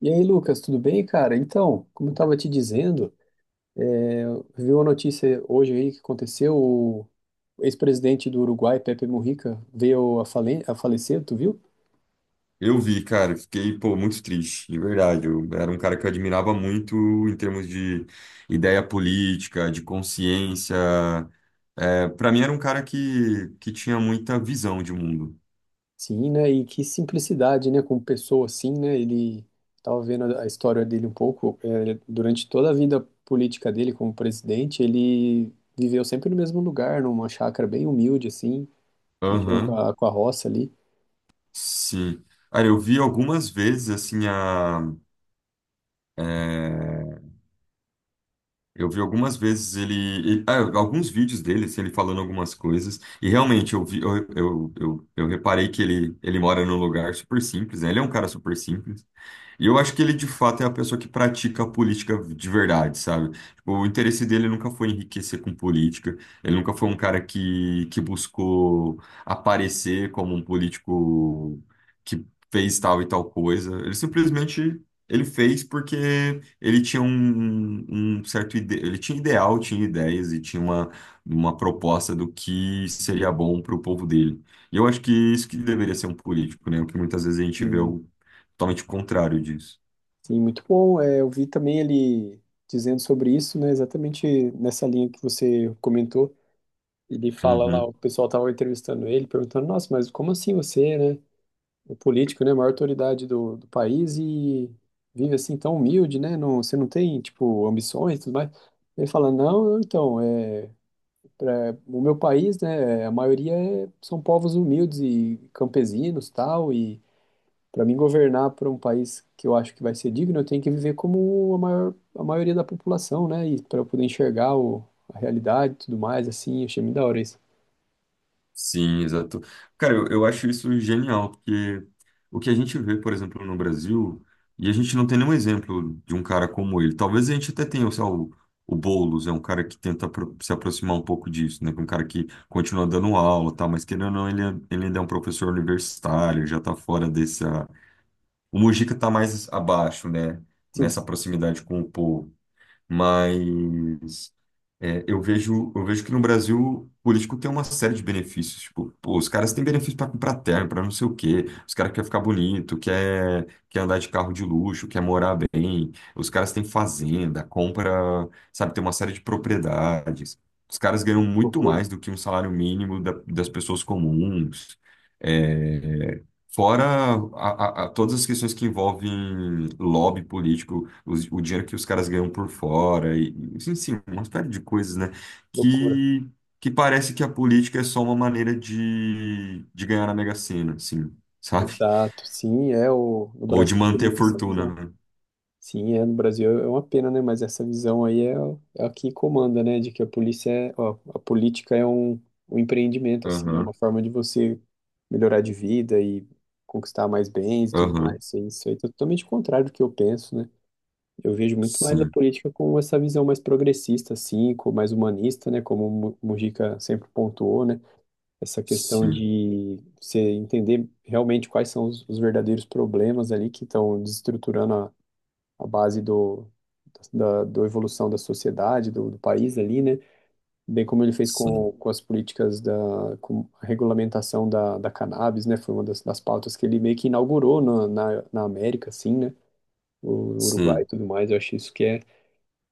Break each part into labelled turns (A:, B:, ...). A: E aí, Lucas, tudo bem, cara? Então, como eu estava te dizendo, viu uma notícia hoje aí que aconteceu, o ex-presidente do Uruguai, Pepe Mujica, veio a falecer, tu viu?
B: Eu vi, cara, eu fiquei, pô, muito triste, de verdade. Eu era um cara que eu admirava muito em termos de ideia política, de consciência. Para mim era um cara que tinha muita visão de mundo.
A: Sim, né? E que simplicidade, né? Como pessoa assim, né? Ele estava vendo a história dele um pouco, durante toda a vida política dele como presidente, ele viveu sempre no mesmo lugar, numa chácara bem humilde, assim, mexendo com
B: Aham,
A: a, com a roça ali.
B: sim. Cara, eu vi algumas vezes, assim, é, eu vi algumas vezes alguns vídeos dele, assim, ele falando algumas coisas, e realmente eu vi, eu reparei que ele mora num lugar super simples, né? Ele é um cara super simples. E eu acho que ele, de fato, é a pessoa que pratica a política de verdade, sabe? Tipo, o interesse dele nunca foi enriquecer com política, ele nunca foi um cara que buscou aparecer como um político que fez tal e tal coisa. Ele simplesmente ele fez porque ele tinha um certo ele tinha ideal, tinha ideias e tinha uma proposta do que seria bom para o povo dele. E eu acho que isso que deveria ser um político, né? O que muitas vezes a gente vê totalmente contrário disso.
A: Sim, muito bom. É, eu vi também ele dizendo sobre isso, né, exatamente nessa linha que você comentou. Ele fala lá,
B: Uhum.
A: o pessoal estava entrevistando ele, perguntando, nossa, mas como assim você, né, é político, né, a maior autoridade do país e vive assim tão humilde, né, não, você não tem, tipo, ambições e tudo mais. Ele fala, não, não, então, o meu país, né, a maioria são povos humildes e campesinos, tal, e para mim governar para um país que eu acho que vai ser digno, eu tenho que viver como a maioria da população, né? E para eu poder enxergar a realidade e tudo mais, assim, achei muito da hora isso.
B: Sim, exato. Cara, eu acho isso genial, porque o que a gente vê, por exemplo, no Brasil, e a gente não tem nenhum exemplo de um cara como ele. Talvez a gente até tenha, sei lá, o Boulos, é um cara que tenta se aproximar um pouco disso, né? é Um cara que continua dando aula, e tal, mas querendo ou não, ele ainda é um professor universitário, já tá fora dessa. O Mujica tá mais abaixo, né?
A: Sim,
B: Nessa proximidade com o povo. Mas. É, eu vejo que no Brasil o político tem uma série de benefícios. Tipo, pô, os caras têm benefício para comprar terno, para não sei o quê. Os caras querem ficar bonito, quer andar de carro de luxo, quer morar bem. Os caras têm fazenda, compra, sabe, tem uma série de propriedades. Os caras ganham muito
A: loucura,
B: mais do que um salário mínimo das pessoas comuns. é, Fora a, todas as questões que envolvem lobby político, o dinheiro que os caras ganham por fora, e, enfim, uma série de coisas, né?
A: loucura.
B: Que, que parece que a política é só uma maneira de ganhar na Mega Sena, assim, sabe?
A: Exato, sim, no
B: Ou de
A: Brasil tem
B: manter a
A: muito essa
B: fortuna,
A: visão.
B: né?
A: Sim, no Brasil é uma pena, né? Mas essa visão aí é a que comanda, né? De que a polícia é, ó, a política é um empreendimento, assim, é uma
B: Aham,
A: forma de você melhorar de vida e conquistar mais bens e tudo mais.
B: aham.
A: Isso aí é totalmente contrário do que eu penso, né? Eu vejo muito mais a
B: Sim,
A: política com essa visão mais progressista, assim, com mais humanista, né? Como o Mujica sempre pontuou, né? Essa questão
B: sim,
A: de você entender realmente quais são os verdadeiros problemas ali que estão desestruturando a base da evolução da sociedade, do país ali, né? Bem como ele fez
B: sim,
A: com as políticas da com a regulamentação da cannabis, né? Foi uma das pautas que ele meio que inaugurou na América, assim, né? O Uruguai e
B: sim.
A: tudo mais. Eu acho isso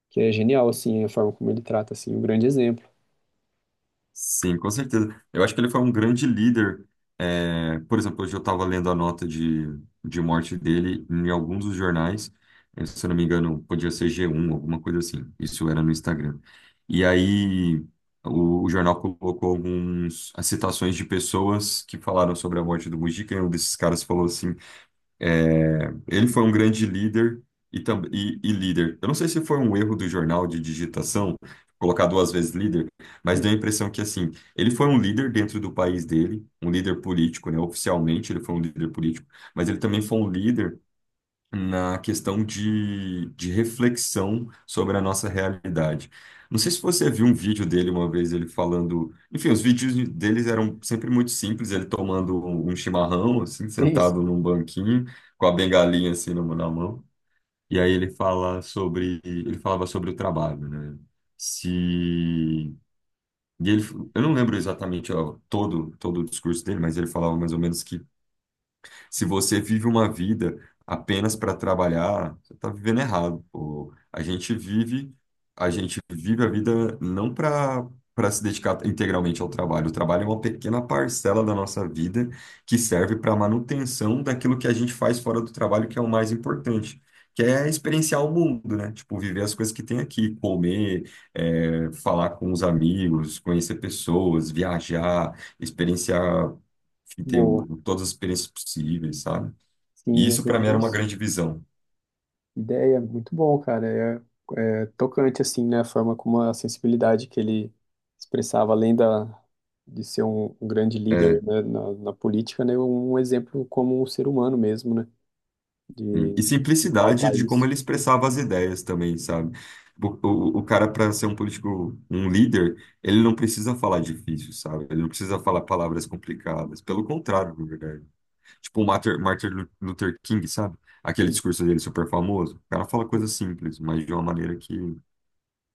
A: que é genial, assim, a forma como ele trata, assim, um grande exemplo.
B: Sim, com certeza. Eu acho que ele foi um grande líder. É, por exemplo, hoje eu estava lendo a nota de morte dele em alguns dos jornais. Se eu não me engano, podia ser G1, alguma coisa assim. Isso era no Instagram. E aí o jornal colocou algumas as citações de pessoas que falaram sobre a morte do Mujica. E um desses caras falou assim ele foi um grande líder e, e líder. Eu não sei se foi um erro do jornal de digitação, colocar duas vezes líder, mas
A: Hum.
B: deu a impressão que, assim, ele foi um líder dentro do país dele, um líder político, né? Oficialmente ele foi um líder político, mas ele também foi um líder na questão de reflexão sobre a nossa realidade. Não sei se você viu um vídeo dele uma vez, ele falando. Enfim, os vídeos deles eram sempre muito simples, ele tomando um chimarrão, assim,
A: É isso.
B: sentado num banquinho, com a bengalinha assim na mão. E aí ele fala sobre. Ele falava sobre o trabalho, né? Se. E ele, eu não lembro exatamente ó, todo o discurso dele, mas ele falava mais ou menos que se você vive uma vida apenas para trabalhar, você está vivendo errado, pô. A gente vive a vida não para se dedicar integralmente ao trabalho. O trabalho é uma pequena parcela da nossa vida que serve para a manutenção daquilo que a gente faz fora do trabalho, que é o mais importante. Que é experienciar o mundo, né? Tipo, viver as coisas que tem aqui, comer, falar com os amigos, conhecer pessoas, viajar, experienciar que tem
A: Boa.
B: todas as experiências possíveis, sabe? E
A: Sim, eu
B: isso para mim
A: vejo
B: era uma
A: isso.
B: grande visão.
A: Ideia, muito bom, cara. É tocante, assim, né? A forma como a sensibilidade que ele expressava, além de ser um grande
B: É,
A: líder, né, na política, né? Um exemplo como um ser humano mesmo, né?
B: sim.
A: De,
B: E
A: de
B: simplicidade
A: pautar
B: de como
A: isso.
B: ele expressava as ideias também, sabe? O cara, para ser um político, um líder, ele não precisa falar difícil, sabe? Ele não precisa falar palavras complicadas. Pelo contrário, na verdade. Tipo o Martin, Luther King, sabe? Aquele
A: Sim.
B: discurso dele super famoso. O cara fala coisas simples, mas de uma maneira que.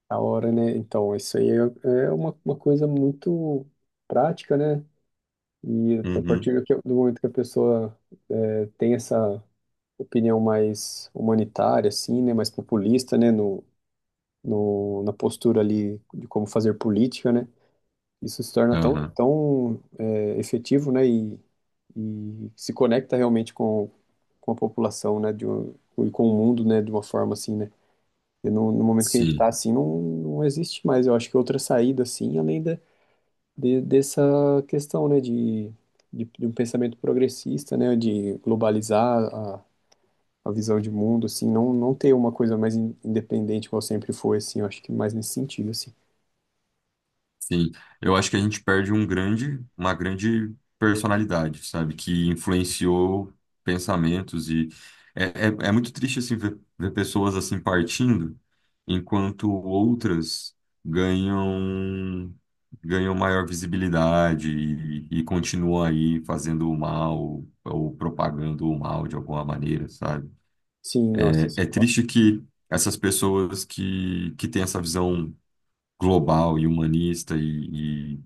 A: A hora, né? Então, isso aí é uma coisa muito prática, né? E a
B: Uhum.
A: partir do momento que a pessoa tem essa opinião mais humanitária, assim, né? Mais populista, né? No, no, na postura ali de como fazer política, né? Isso se torna tão,
B: Aham.
A: tão efetivo, né? E se conecta realmente com a população, né? De um, e com o mundo, né? De uma forma assim, né? E no momento que a gente
B: Sim.
A: está assim, não, não existe mais. Eu acho que outra saída, assim, além dessa questão, né? De um pensamento progressista, né? De globalizar a visão de mundo, assim, não, não ter uma coisa mais independente, como sempre foi, assim, eu acho que mais nesse sentido, assim.
B: Sim, eu acho que a gente perde uma grande personalidade, sabe? Que influenciou pensamentos e é muito triste assim ver pessoas assim partindo, enquanto outras ganham ganham maior visibilidade e continuam aí fazendo o mal ou propagando o mal de alguma maneira, sabe?
A: Sim, nossa, isso
B: É, é
A: é claro.
B: triste que essas pessoas que têm essa visão global e humanista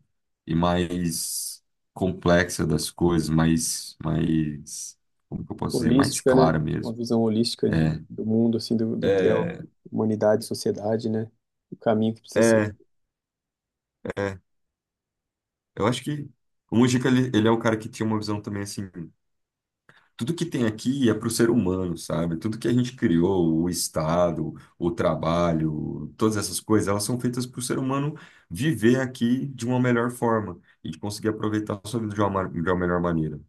B: e mais complexa das coisas, como que eu posso dizer, mais
A: Holística, né?
B: clara
A: Uma
B: mesmo.
A: visão holística de,
B: É,
A: do mundo, assim, do que é a
B: é,
A: humanidade, sociedade, né? O caminho que precisa ser.
B: é, é. Eu acho que o Mujica, ele é um cara que tinha uma visão também assim, tudo que tem aqui é para o ser humano, sabe? Tudo que a gente criou, o Estado, o trabalho, todas essas coisas, elas são feitas para o ser humano viver aqui de uma melhor forma e de conseguir aproveitar a sua vida de de uma melhor maneira.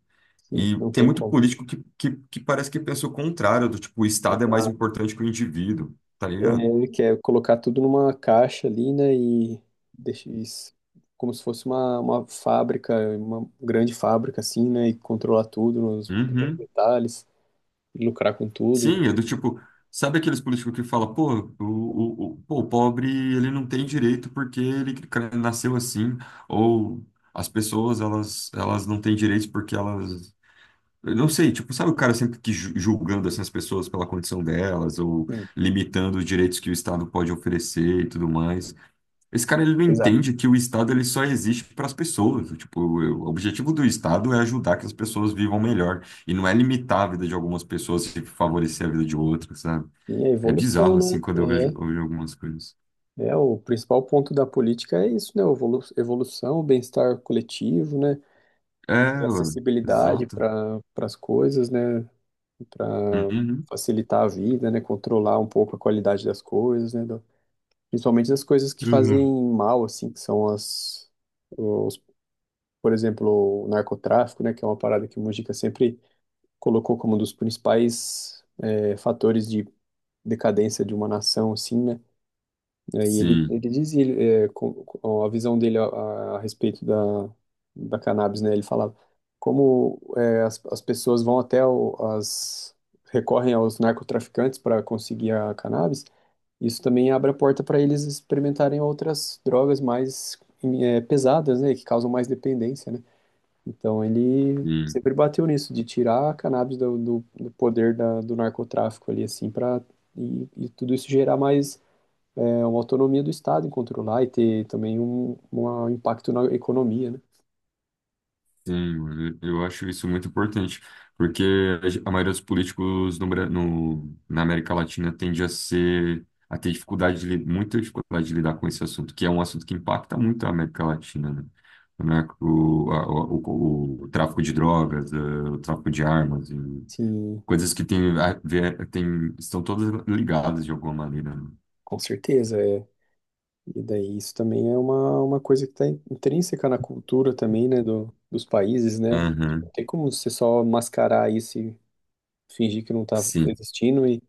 A: Sim,
B: E
A: não
B: tem
A: tem
B: muito
A: como.
B: político que parece que pensa o contrário, do tipo, o Estado é mais
A: Exato.
B: importante que o indivíduo, tá
A: É,
B: ligado?
A: ele quer colocar tudo numa caixa ali, né? E deixa isso como se fosse uma fábrica, uma grande fábrica, assim, né? E controlar tudo nos pequenos
B: Uhum.
A: detalhes, e lucrar com tudo, né?
B: Sim, é do tipo, sabe aqueles políticos que falam, pô, o pobre ele não tem direito porque ele nasceu assim, ou as pessoas elas não têm direitos porque elas. Eu não sei, tipo, sabe o cara sempre que julgando assim, as pessoas pela condição delas, ou
A: Sim,
B: limitando os direitos que o Estado pode oferecer e tudo mais. Esse cara ele não
A: exato.
B: entende que o Estado ele só existe para as pessoas. Tipo, o objetivo do Estado é ajudar que as pessoas vivam melhor e não é limitar a vida de algumas pessoas e favorecer a vida de outras, sabe?
A: E a
B: É bizarro
A: evolução, né?
B: assim quando
A: É,
B: eu vejo algumas coisas.
A: É, o principal ponto da política é isso, né? Evolução, bem-estar coletivo, né? E
B: É, ué,
A: acessibilidade
B: exato.
A: para as coisas, né? Para
B: Uhum.
A: facilitar a vida, né? Controlar um pouco a qualidade das coisas, né? Principalmente das coisas que fazem
B: Exato.
A: mal, assim, que são os, por exemplo, o narcotráfico, né? Que é uma parada que o Mujica sempre colocou como um dos principais fatores de decadência de uma nação, assim, né? E aí ele,
B: Sim,
A: ele dizia, com a visão dele a respeito da cannabis, né? Ele falava como é, as pessoas vão até recorrem aos narcotraficantes para conseguir a cannabis, isso também abre a porta para eles experimentarem outras drogas mais pesadas, né? Que causam mais dependência, né? Então ele
B: sim.
A: sempre bateu nisso, de tirar a cannabis do poder do narcotráfico ali, assim, para e tudo isso gerar mais uma autonomia do Estado em controlar e ter também um impacto na economia, né?
B: Sim, mano, eu acho isso muito importante, porque a maioria dos políticos na América Latina tende a ser, a ter dificuldade muita dificuldade de lidar com esse assunto, que é um assunto que impacta muito a América Latina, né? O, narco- o, a- o- o tráfico de drogas, o tráfico de armas, e
A: Sim,
B: coisas que tem, tem, estão todas ligadas de alguma maneira, né?
A: com certeza, é. E daí isso também é uma coisa que está intrínseca na cultura também, né, dos países, né? Tipo,
B: Aham,
A: não tem como você só mascarar isso e fingir que não está
B: sim.
A: existindo e,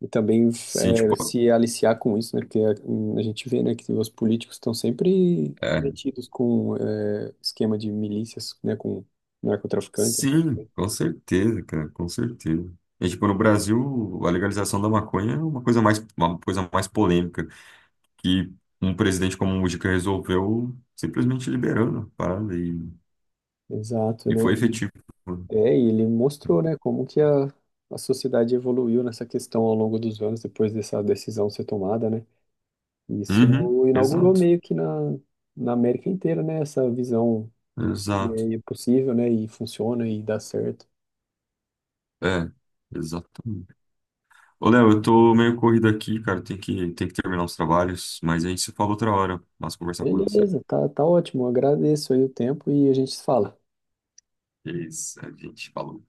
A: e também
B: Sim, tipo,
A: se aliciar com isso, né? Porque a gente vê, né, que os políticos estão sempre metidos com esquema de milícias, né, com narcotraficantes. Essas
B: sim,
A: coisas.
B: com certeza, cara, com certeza. É, tipo, no Brasil, a legalização da maconha é uma coisa mais polêmica, que um presidente como o Mujica resolveu simplesmente liberando a parada
A: Exato,
B: e
A: né?
B: foi efetivo.
A: É, e ele mostrou, né, como que a sociedade evoluiu nessa questão ao longo dos anos, depois dessa decisão ser tomada, né? E isso
B: Uhum,
A: inaugurou
B: exato,
A: meio que na América inteira, né, essa visão e
B: exato.
A: aí é possível, né, e funciona e dá certo.
B: É, exatamente. Ô, Léo, eu tô meio corrido aqui, cara, tem que terminar os trabalhos, mas a gente se fala outra hora. Mas conversar com você.
A: Beleza, tá, tá ótimo, agradeço aí o tempo e a gente se fala.
B: É isso, a gente falou.